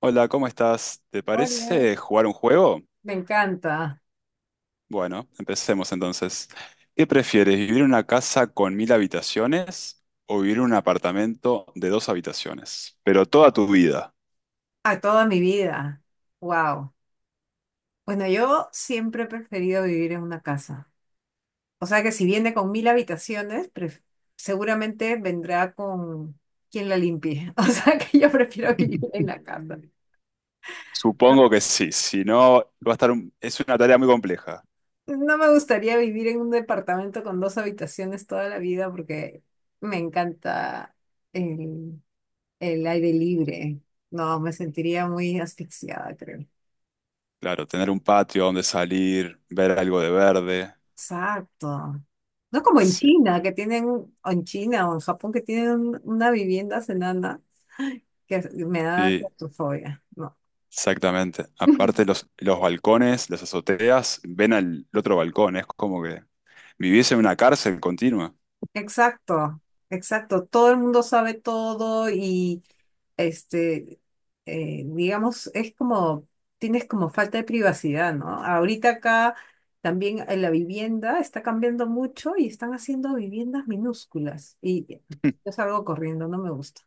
Hola, ¿cómo estás? ¿Te Hola. parece jugar un juego? Me encanta. Bueno, empecemos entonces. ¿Qué prefieres, vivir en una casa con 1.000 habitaciones o vivir en un apartamento de dos habitaciones? Pero toda tu vida. A toda mi vida. Wow. Bueno, yo siempre he preferido vivir en una casa. O sea que si viene con 1000 habitaciones, seguramente vendrá con quien la limpie. O sea que yo prefiero vivir en la casa. No, Supongo que sí, si no, va a estar es una tarea muy compleja. no me gustaría vivir en un departamento con dos habitaciones toda la vida porque me encanta el, el aire libre. No, me sentiría muy asfixiada, creo. Claro, tener un patio donde salir, ver algo de verde. Exacto. No como en Sí, China, que tienen, o en China o en Japón, que tienen una vivienda enana, que me da sí, claustrofobia. No. exactamente. Aparte los balcones, las azoteas, ven al otro balcón, es como que viviese en una cárcel continua. Exacto, exacto. Todo el mundo sabe todo y, este, digamos, es como, tienes como falta de privacidad, ¿no? Ahorita acá también en la vivienda está cambiando mucho y están haciendo viviendas minúsculas y yo salgo corriendo, no me gusta.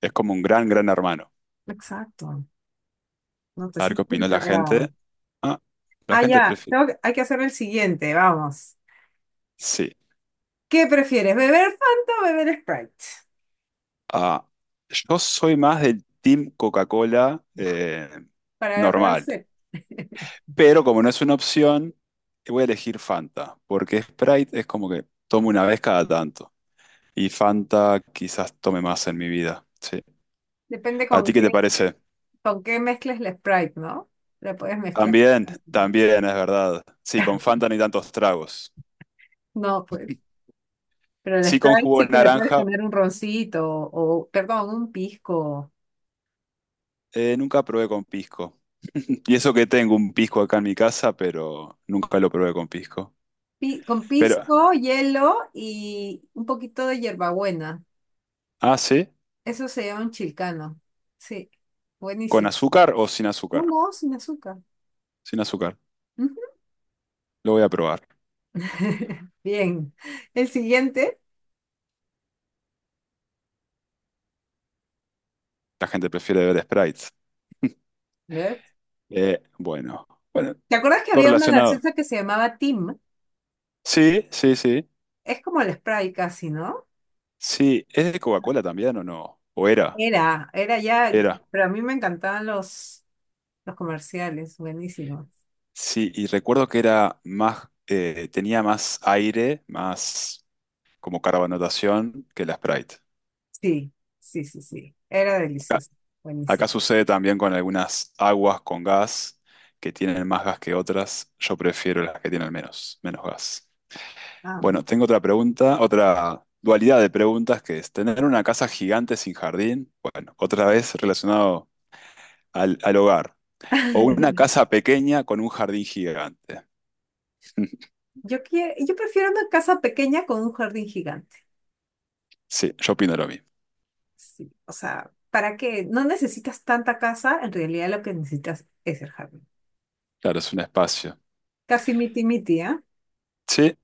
Es como un gran, gran hermano. Exacto. No te A ver qué sientes opinó la encerrado. gente. Ah, la Ah, gente ya. prefiere. Hay que hacer el siguiente, vamos. Sí. ¿Qué prefieres, beber Fanta o beber Sprite? Ah, yo soy más del Team Coca-Cola Para la peor normal. sed. Pero como no es una opción, voy a elegir Fanta. Porque Sprite es como que tomo una vez cada tanto. Y Fanta quizás tome más en mi vida. Sí. Depende ¿A ti qué te parece? con qué mezcles el Sprite, ¿no? La puedes mezclar. También es verdad. Sí, con Fanta no hay tantos tragos. No, pues. Pero el Sí, con Sprite jugo sí de que le puedes naranja. poner un roncito o, perdón, un pisco. Nunca probé con pisco. Y eso que tengo un pisco acá en mi casa, pero nunca lo probé con pisco. Con Pero, pisco, hielo y un poquito de hierbabuena. ah, sí, Eso se llama un chilcano. Sí, ¿con buenísimo. azúcar o sin No, azúcar? no, sin azúcar. Sin azúcar. Lo voy a probar. Bien. El siguiente, La gente prefiere beber sprites. ¿ves? Bueno, bueno, ¿Te acuerdas que todo había una relacionado. gaseosa que se llamaba Tim? Sí, sí, sí. Es como el Sprite casi, ¿no? Sí, ¿es de Coca-Cola también o no? ¿O era? Era ya, Era. pero a mí me encantaban los comerciales, buenísimos. Sí, y recuerdo que era más, tenía más aire, más como carbonatación que la Sprite. Sí, sí, sí, sí. Era delicioso, buenísimo. Acá sucede también con algunas aguas con gas que tienen más gas que otras. Yo prefiero las que tienen menos gas. Ah, mira. Bueno, tengo otra pregunta, otra dualidad de preguntas que es tener una casa gigante sin jardín. Bueno, otra vez relacionado al hogar. O una casa pequeña con un jardín gigante. Yo prefiero una casa pequeña con un jardín gigante. Sí, yo opino lo mismo. Sí, o sea, ¿para qué? No necesitas tanta casa, en realidad lo que necesitas es el jardín. Claro, es un espacio. Casi miti-miti, ¿eh? Sí,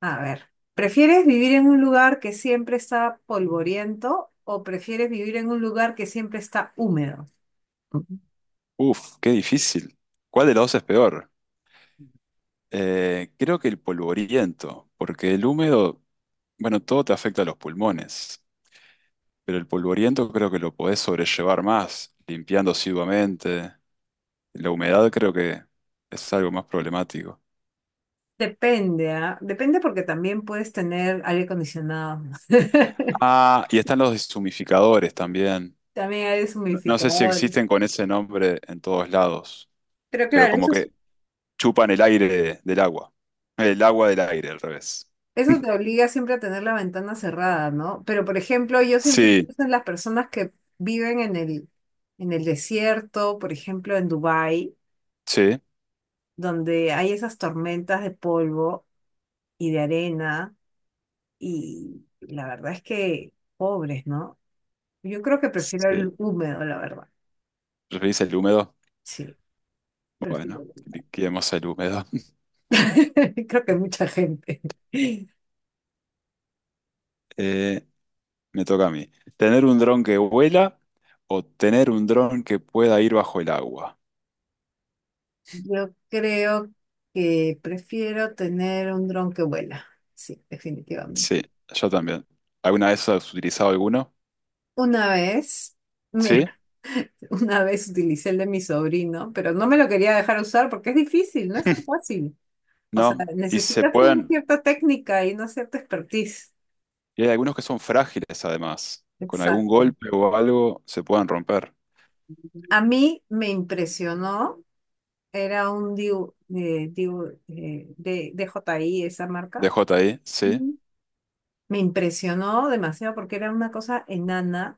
A ver, ¿prefieres vivir en un lugar que siempre está polvoriento o prefieres vivir en un lugar que siempre está húmedo? Ujú. uff, qué difícil. ¿Cuál de los dos es peor? Creo que el polvoriento, porque el húmedo, bueno, todo te afecta a los pulmones, pero el polvoriento creo que lo podés sobrellevar más, limpiando asiduamente. La humedad creo que es algo más problemático. Depende, ¿ah? Depende porque también puedes tener aire acondicionado, Ah, y están los deshumificadores también. también aire No, no sé si humidificador. existen con ese nombre en todos lados, Pero pero claro, como que chupan el aire del agua. El agua del aire, al revés. eso te obliga siempre a tener la ventana cerrada, ¿no? Pero por ejemplo, yo siempre Sí, pienso en las personas que viven en el desierto, por ejemplo, en Dubái, sí, donde hay esas tormentas de polvo y de arena y la verdad es que pobres, ¿no? Yo creo que prefiero sí. el húmedo, la verdad. ¿Referís el húmedo? Sí, prefiero Bueno, el húmedo. liquidemos el húmedo. Creo que mucha gente. Eh, Me toca a mí. ¿Tener un dron que vuela o tener un dron que pueda ir bajo el agua? Yo creo que prefiero tener un dron que vuela. Sí, definitivamente. Sí, yo también. ¿Alguna vez has utilizado alguno? Una vez, Sí, mira, una vez utilicé el de mi sobrino, pero no me lo quería dejar usar porque es difícil, no es tan fácil. O sea, no. Y se necesitas una pueden, cierta técnica y una cierta expertise. y hay algunos que son frágiles además. Con algún Exacto. golpe o algo se pueden romper. A mí me impresionó. Era un DJI, esa D marca. J. Ahí, sí, Ujú. Me impresionó demasiado porque era una cosa enana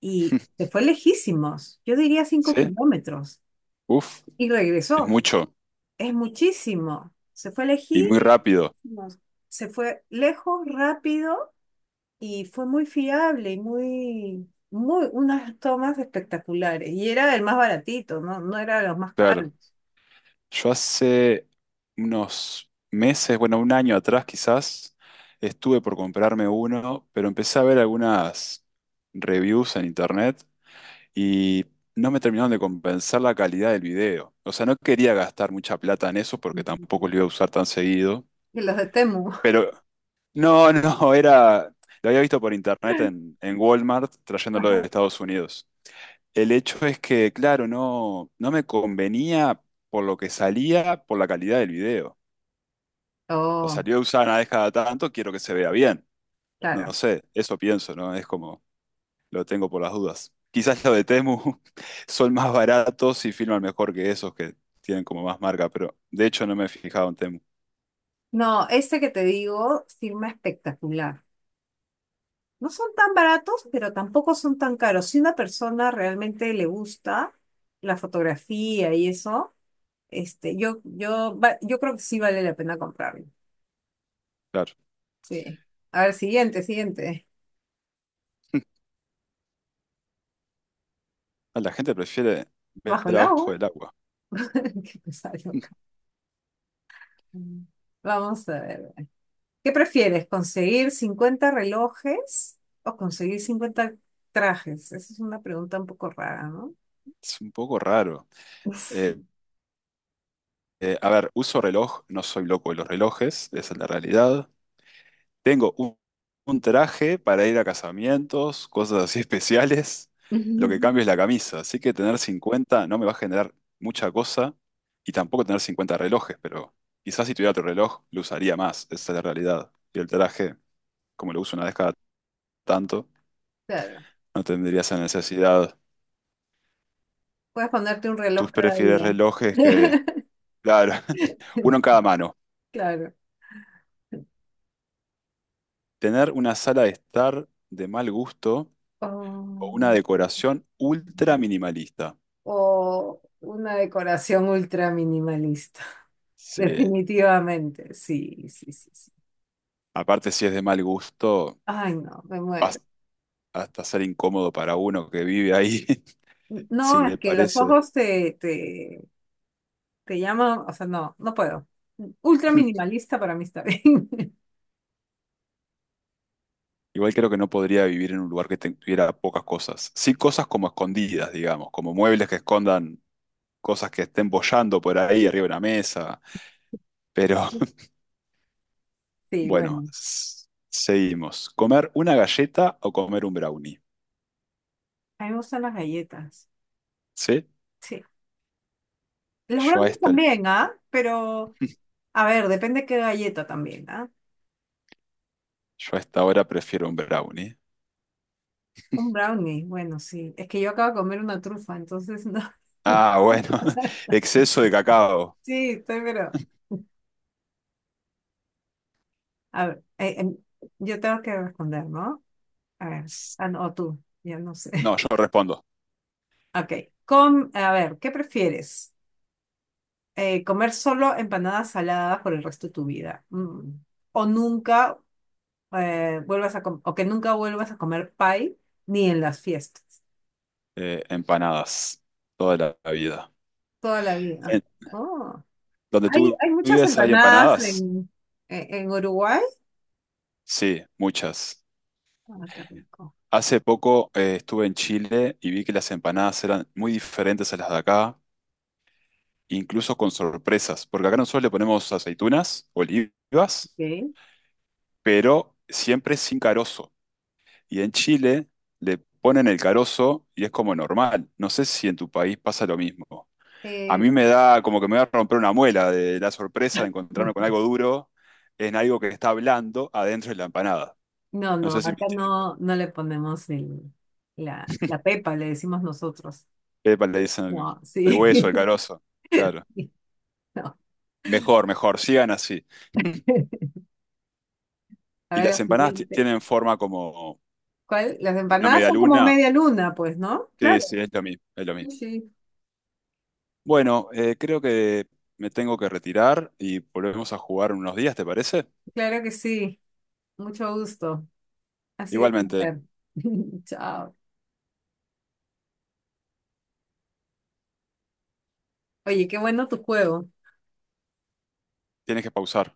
y se fue lejísimos. Yo diría cinco sí. kilómetros. Uf, Y es regresó. mucho Es muchísimo. Se fue y muy rápido. lejísimos. Se fue lejos, rápido y fue muy fiable y muy, muy, unas tomas espectaculares. Y era el más baratito, ¿no? No era de los más caros. Claro. Yo hace unos meses, bueno, un año atrás quizás, estuve por comprarme uno, pero empecé a ver algunas reviews en internet y no me terminaron de compensar la calidad del video. O sea, no quería gastar mucha plata en eso porque tampoco Ujú. lo iba a usar tan seguido. Y los de Temu. Ajá. Pero no, no, era... Lo había visto por internet en Walmart trayéndolo de Estados Unidos. El hecho es que, claro, no, no me convenía por lo que salía, por la calidad del video. O Oh. salió usada una vez cada tanto, quiero que se vea bien. No, no Claro. sé, eso pienso, ¿no? Es como, lo tengo por las dudas. Quizás los de Temu son más baratos y filman mejor que esos que tienen como más marca, pero de hecho no me he fijado en Temu. No, este que te digo, firma espectacular. No son tan baratos, pero tampoco son tan caros. Si una persona realmente le gusta la fotografía y eso, yo creo que sí vale la pena comprarlo. Claro, Sí. A ver, siguiente, siguiente. ah, la gente prefiere ver Bajo el a agua. ojo del agua. Qué pesado acá. Vamos a ver. ¿Qué prefieres? ¿Conseguir 50 relojes o conseguir 50 trajes? Esa es una pregunta un poco rara, ¿no? Es un poco raro. Eh, Sí. A ver, uso reloj, no soy loco de los relojes, esa es la realidad. Tengo un traje para ir a casamientos, cosas así especiales. Lo que cambio es la camisa. Así que tener 50 no me va a generar mucha cosa y tampoco tener 50 relojes, pero quizás si tuviera otro reloj lo usaría más. Esa es la realidad. Y el traje, como lo uso una vez cada tanto, Claro. no tendría esa necesidad. Puedes ponerte un ¿Tú reloj cada prefieres día. relojes que... Claro, uno en cada mano. Claro. Tener una sala de estar de mal gusto O, o una decoración ultra minimalista. o una decoración ultra minimalista. Sí. Definitivamente. Sí, sí, sí, sí. Aparte, si es de mal gusto, Ay, no, me muero. vas- hasta ser incómodo para uno que vive ahí, si No, es le que los parece. ojos te llaman, o sea, no, no puedo. Ultra minimalista para mí está bien. Igual creo que no podría vivir en un lugar que tuviera pocas cosas. Sí, cosas como escondidas, digamos, como muebles que escondan cosas que estén boyando por ahí arriba de una mesa. Pero Sí, bueno, bueno. Seguimos. ¿Comer una galleta o comer un brownie? A mí me gustan las galletas. ¿Sí? Sí. Los Yo a brownies esta, también, ¿ah? Pero, a ver, depende qué galleta también, ¿ah? yo a esta hora prefiero un brownie. Un brownie, bueno, sí. Es que yo acabo de comer una trufa, entonces no. Ah, bueno, exceso de cacao. Sí, estoy, pero. A ver, yo tengo que responder, ¿no? A ver, ah, no, o tú, ya no sé. No, yo no respondo. Ok. A ver, ¿qué prefieres? ¿Comer solo empanadas saladas por el resto de tu vida? Mm. O nunca o que nunca vuelvas a comer pie ni en las fiestas. Empanadas toda la vida. Toda la vida. Eh, Oh. ¿Donde tú Hay muchas vives hay empanadas empanadas? En Uruguay. Sí, muchas. Ah, qué rico. Hace poco estuve en Chile y vi que las empanadas eran muy diferentes a las de acá, incluso con sorpresas, porque acá nosotros le ponemos aceitunas, olivas, Ok. pero siempre sin carozo. Y en Chile le ponen el carozo y es como normal. No sé si en tu país pasa lo mismo. A Eh, mí me da como que me va a romper una muela de la sorpresa de encontrarme con algo duro en algo que está blando adentro de la empanada. no, No no, sé si me acá entiendo. no, no le ponemos la pepa, le decimos nosotros. Pepa le dicen el, No, el hueso, sí. el carozo. Claro. Sí, no. Mejor, mejor, sigan así. A Y ver, las la empanadas siguiente. tienen forma como ¿Cuál? Las una empanadas son como medialuna. media luna, pues, ¿no? Sí, Claro. sí, es lo mismo, es lo Sí, mismo. sí, Bueno, creo que me tengo que retirar y volvemos a jugar en unos días, ¿te parece? claro que sí. Mucho gusto. Ha sido un Igualmente, placer. Chao. Oye, qué bueno tu juego. tienes que pausar.